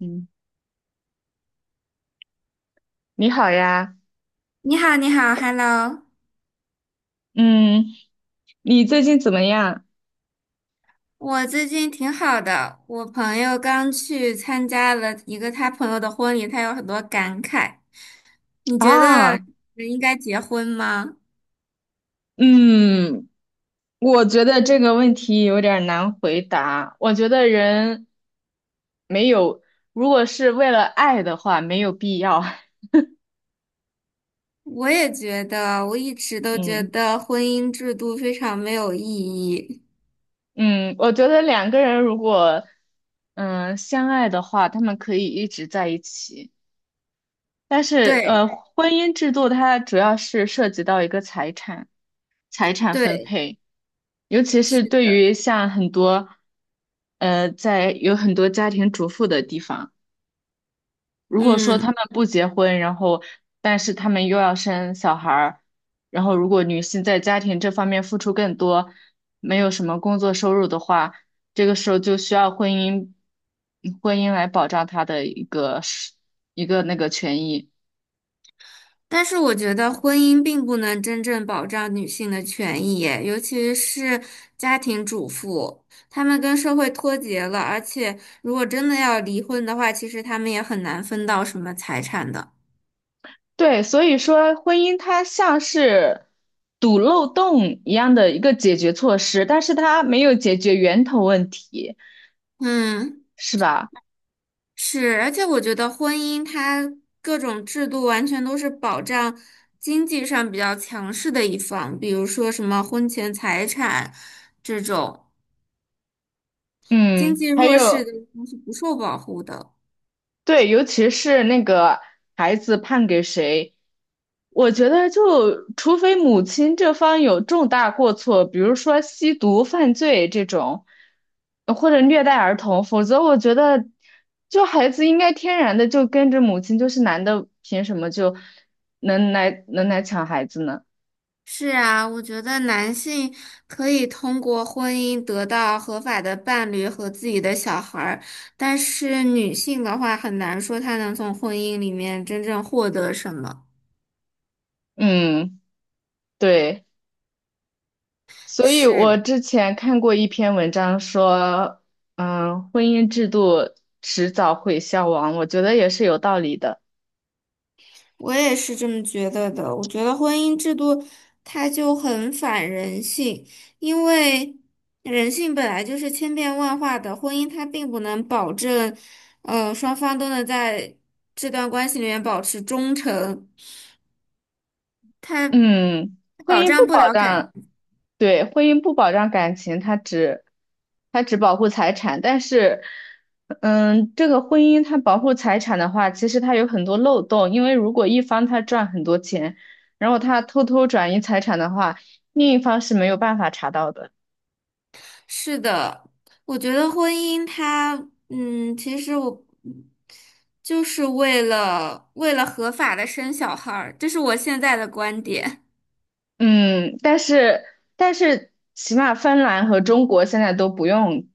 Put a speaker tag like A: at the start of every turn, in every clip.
A: 嗯，你好呀，
B: 你好，你好，Hello，
A: 嗯，你最近怎么样
B: 我最近挺好的。我朋友刚去参加了一个他朋友的婚礼，他有很多感慨。你觉得
A: 啊？
B: 人应该结婚吗？
A: 嗯，我觉得这个问题有点儿难回答。我觉得人没有，如果是为了爱的话，没有必要。
B: 我也觉得，我一直都觉
A: 嗯
B: 得婚姻制度非常没有意义。
A: 嗯，我觉得两个人如果相爱的话，他们可以一直在一起。但是
B: 对
A: 婚姻制度它主要是涉及到一个财产、财产分
B: 对，
A: 配，尤其是对于像很多在有很多家庭主妇的地方，如果说
B: 嗯。
A: 他们不结婚，然后但是他们又要生小孩儿，然后如果女性在家庭这方面付出更多，没有什么工作收入的话，这个时候就需要婚姻来保障她的一个那个权益。
B: 但是我觉得婚姻并不能真正保障女性的权益耶，尤其是家庭主妇，她们跟社会脱节了，而且如果真的要离婚的话，其实她们也很难分到什么财产的。
A: 对，所以说婚姻它像是堵漏洞一样的一个解决措施，但是它没有解决源头问题，
B: 嗯，
A: 是吧？
B: 是，而且我觉得婚姻它各种制度完全都是保障经济上比较强势的一方，比如说什么婚前财产这种，经
A: 嗯，
B: 济
A: 还
B: 弱势
A: 有。
B: 的一方是不受保护的。
A: 对，尤其是那个孩子判给谁，我觉得就除非母亲这方有重大过错，比如说吸毒犯罪这种，或者虐待儿童，否则我觉得就孩子应该天然的就跟着母亲，就是男的凭什么就能来抢孩子呢？
B: 是啊，我觉得男性可以通过婚姻得到合法的伴侣和自己的小孩儿，但是女性的话很难说她能从婚姻里面真正获得什么。
A: 嗯，对。所以我
B: 是，
A: 之前看过一篇文章说，嗯，婚姻制度迟早会消亡，我觉得也是有道理的。
B: 我也是这么觉得的。我觉得婚姻制度它就很反人性，因为人性本来就是千变万化的，婚姻它并不能保证，双方都能在这段关系里面保持忠诚。它。
A: 嗯，婚
B: 保
A: 姻
B: 障
A: 不
B: 不
A: 保
B: 了感。
A: 障，对，婚姻不保障感情，它只保护财产，但是，嗯，这个婚姻它保护财产的话，其实它有很多漏洞，因为如果一方他赚很多钱，然后他偷偷转移财产的话，另一方是没有办法查到的。
B: 是的，我觉得婚姻它，嗯，其实我就是为了合法的生小孩儿，这是我现在的观点。
A: 嗯，但是起码芬兰和中国现在都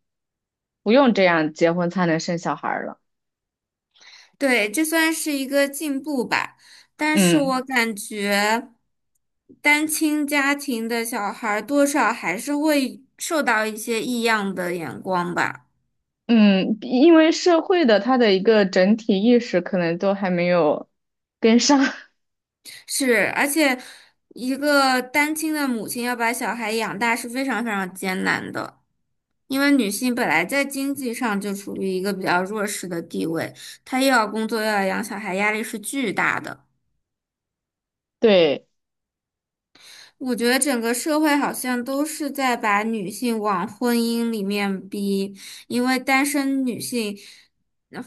A: 不用这样结婚才能生小孩儿了。
B: 对，这算是一个进步吧，但是我
A: 嗯
B: 感觉单亲家庭的小孩儿多少还是会受到一些异样的眼光吧。
A: 嗯，因为社会的它的一个整体意识可能都还没有跟上。
B: 是，而且一个单亲的母亲要把小孩养大是非常非常艰难的，因为女性本来在经济上就处于一个比较弱势的地位，她又要工作又要养小孩，压力是巨大的。
A: 对，
B: 我觉得整个社会好像都是在把女性往婚姻里面逼，因为单身女性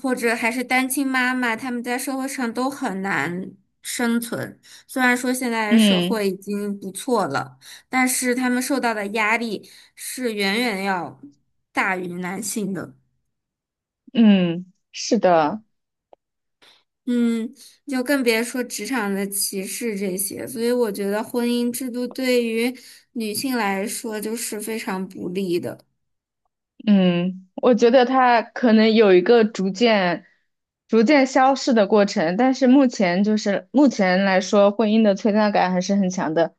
B: 或者还是单亲妈妈，她们在社会上都很难生存。虽然说现在的社
A: 嗯
B: 会已经不错了，但是她们受到的压力是远远要大于男性的。
A: 嗯，是的。
B: 嗯，就更别说职场的歧视这些，所以我觉得婚姻制度对于女性来说就是非常不利的。
A: 嗯，我觉得它可能有一个逐渐消逝的过程，但是目前目前来说，婚姻的存在感还是很强的。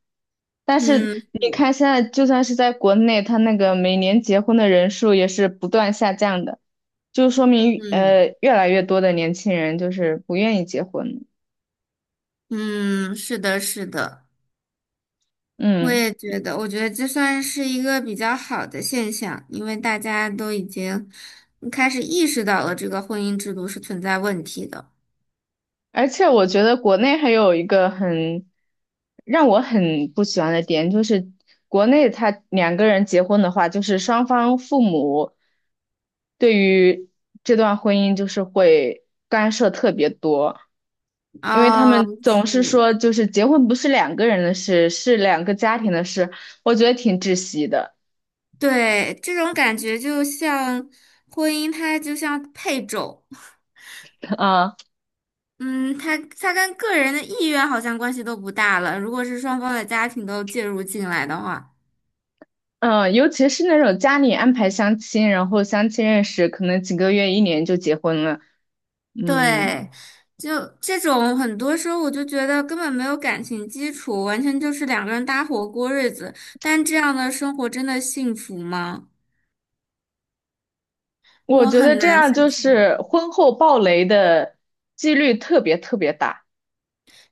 A: 但是
B: 嗯，
A: 你
B: 是
A: 看，现在就算是在国内，它那个每年结婚的人数也是不断下降的，就说明
B: 嗯
A: 越来越多的年轻人就是不愿意结婚。
B: 嗯，是的，是的，我
A: 嗯。
B: 也觉得，我觉得这算是一个比较好的现象，因为大家都已经开始意识到了这个婚姻制度是存在问题的。
A: 而且我觉得国内还有一个很让我很不喜欢的点，就是国内他两个人结婚的话，就是双方父母对于这段婚姻就是会干涉特别多，因为他
B: 哦，
A: 们总
B: 是，
A: 是说就是结婚不是两个人的事，是两个家庭的事，我觉得挺窒息的
B: 对，这种感觉就像婚姻，它就像配种，
A: 啊。
B: 嗯，它跟个人的意愿好像关系都不大了。如果是双方的家庭都介入进来的话。
A: 嗯，尤其是那种家里安排相亲，然后相亲认识，可能几个月、一年就结婚了。嗯，
B: 对，就这种很多时候我就觉得根本没有感情基础，完全就是两个人搭伙过日子。但这样的生活真的幸福吗？
A: 我
B: 我
A: 觉得
B: 很
A: 这
B: 难
A: 样
B: 想
A: 就
B: 象。
A: 是婚后暴雷的几率特别特别大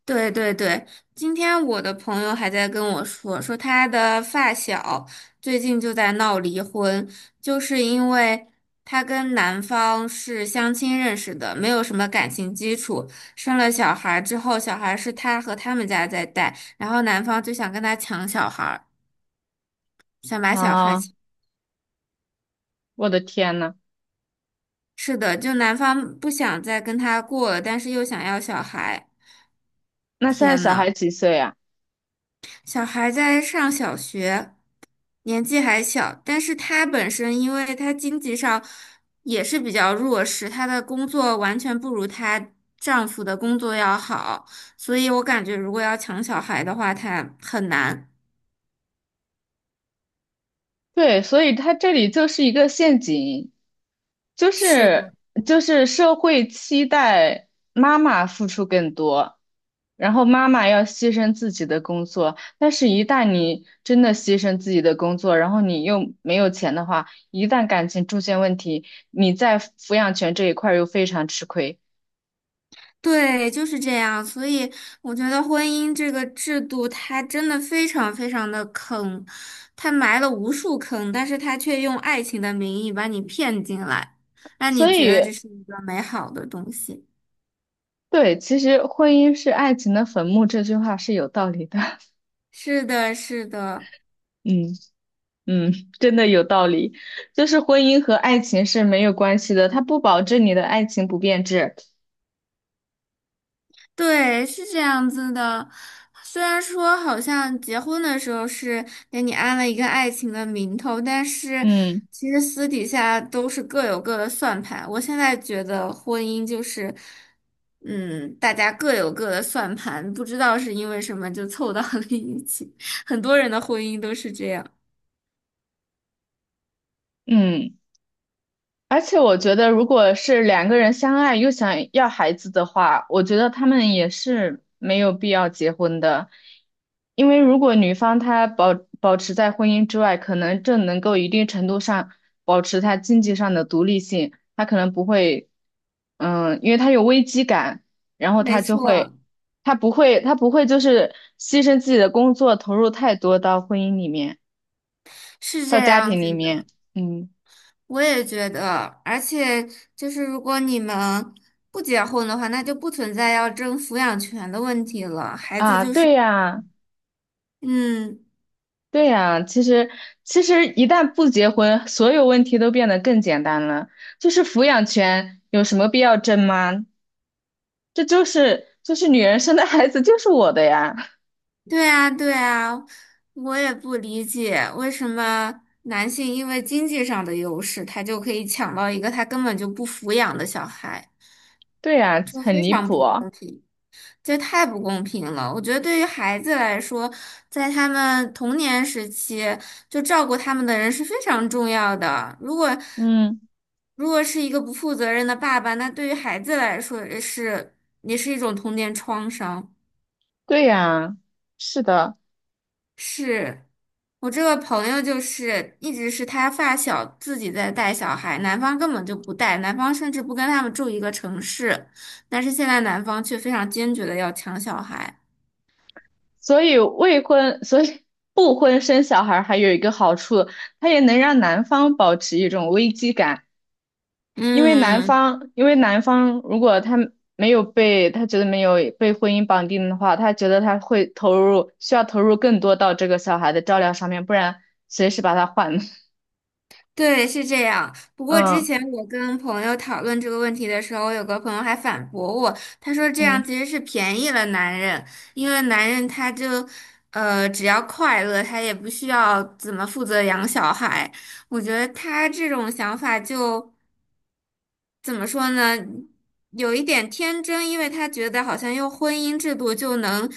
B: 对对对，今天我的朋友还在跟我说，说他的发小最近就在闹离婚，就是因为他跟男方是相亲认识的，没有什么感情基础，生了小孩之后，小孩是他和他们家在带，然后男方就想跟他抢小孩，想把小孩
A: 啊！
B: 抢
A: 我的天呐，
B: 是的，就男方不想再跟他过了，但是又想要小孩，
A: 那现在
B: 天
A: 小
B: 呐，
A: 孩几岁啊？
B: 小孩在上小学。年纪还小，但是她本身因为她经济上也是比较弱势，她的工作完全不如她丈夫的工作要好，所以我感觉如果要抢小孩的话，她很难。
A: 对，所以他这里就是一个陷阱，就
B: 是
A: 是
B: 的，
A: 就是社会期待妈妈付出更多，然后妈妈要牺牲自己的工作，但是一旦你真的牺牲自己的工作，然后你又没有钱的话，一旦感情出现问题，你在抚养权这一块儿又非常吃亏。
B: 对，就是这样。所以我觉得婚姻这个制度，它真的非常非常的坑，它埋了无数坑，但是它却用爱情的名义把你骗进来，让你
A: 所
B: 觉得这
A: 以，
B: 是一个美好的东西。
A: 对，其实婚姻是爱情的坟墓这句话是有道理的。
B: 是的，是的。
A: 嗯嗯，真的有道理。就是婚姻和爱情是没有关系的，它不保证你的爱情不变质。
B: 对，是这样子的。虽然说好像结婚的时候是给你安了一个爱情的名头，但是
A: 嗯
B: 其实私底下都是各有各的算盘。我现在觉得婚姻就是，嗯，大家各有各的算盘，不知道是因为什么就凑到了一起。很多人的婚姻都是这样。
A: 嗯。而且我觉得，如果是两个人相爱又想要孩子的话，我觉得他们也是没有必要结婚的，因为如果女方保持在婚姻之外，可能这能够一定程度上保持她经济上的独立性，她可能不会，嗯，因为她有危机感，然后
B: 没
A: 她就会，
B: 错，
A: 她不会就是牺牲自己的工作，投入太多到婚姻里面，
B: 是这
A: 到家
B: 样
A: 庭里
B: 子
A: 面，
B: 的。
A: 嗯
B: 我也觉得，而且就是如果你们不结婚的话，那就不存在要争抚养权的问题了。孩子
A: 啊，
B: 就是，
A: 对呀。
B: 嗯，
A: 对呀，其实一旦不结婚，所有问题都变得更简单了。就是抚养权有什么必要争吗？这就是就是女人生的孩子就是我的呀。
B: 对啊，对啊，我也不理解为什么男性因为经济上的优势，他就可以抢到一个他根本就不抚养的小孩，
A: 对呀，
B: 这
A: 很
B: 非
A: 离
B: 常
A: 谱
B: 不
A: 哦
B: 公平。这太不公平了！我觉得对于孩子来说，在他们童年时期，就照顾他们的人是非常重要的。如果
A: 嗯，
B: 如果是一个不负责任的爸爸，那对于孩子来说也是也是一种童年创伤。
A: 对呀，是的。
B: 是我这个朋友就是一直是他发小自己在带小孩，男方根本就不带，男方甚至不跟他们住一个城市，但是现在男方却非常坚决的要抢小孩。
A: 所以未婚，所以不婚生小孩还有一个好处，它也能让男方保持一种危机感。
B: 嗯。
A: 因为男方如果他没有被，他觉得没有被婚姻绑定的话，他觉得他会投入，需要投入更多到这个小孩的照料上面，不然随时把他换了
B: 对，是这样。不过之
A: 嗯
B: 前我跟朋友讨论这个问题的时候，有个朋友还反驳我，他说这样
A: 嗯
B: 其实是便宜了男人，因为男人他就，只要快乐，他也不需要怎么负责养小孩。我觉得他这种想法就。怎么说呢，有一点天真，因为他觉得好像用婚姻制度就能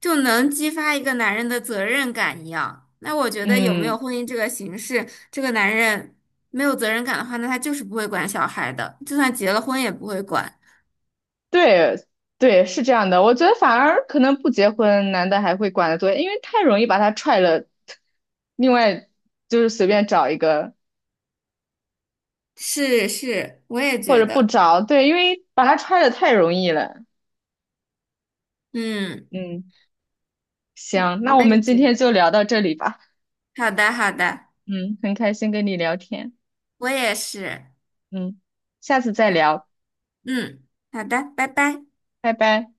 B: 就能激发一个男人的责任感一样。那我觉得有没有
A: 嗯，
B: 婚姻这个形式，这个男人没有责任感的话，那他就是不会管小孩的，就算结了婚也不会管。
A: 对对，是这样的。我觉得反而可能不结婚，男的还会管得多，因为太容易把他踹了。另外就是随便找一个，
B: 是是，我也
A: 或
B: 觉
A: 者不
B: 得，
A: 找，对，因为把他踹了太容易了。
B: 嗯，
A: 嗯，
B: 我
A: 行，那
B: 我
A: 我们
B: 也
A: 今
B: 觉
A: 天
B: 得。
A: 就聊到这里吧。
B: 好的好的，
A: 嗯，很开心跟你聊天，
B: 我也是，
A: 嗯，下次再聊，
B: 嗯，好的，拜拜。
A: 拜拜。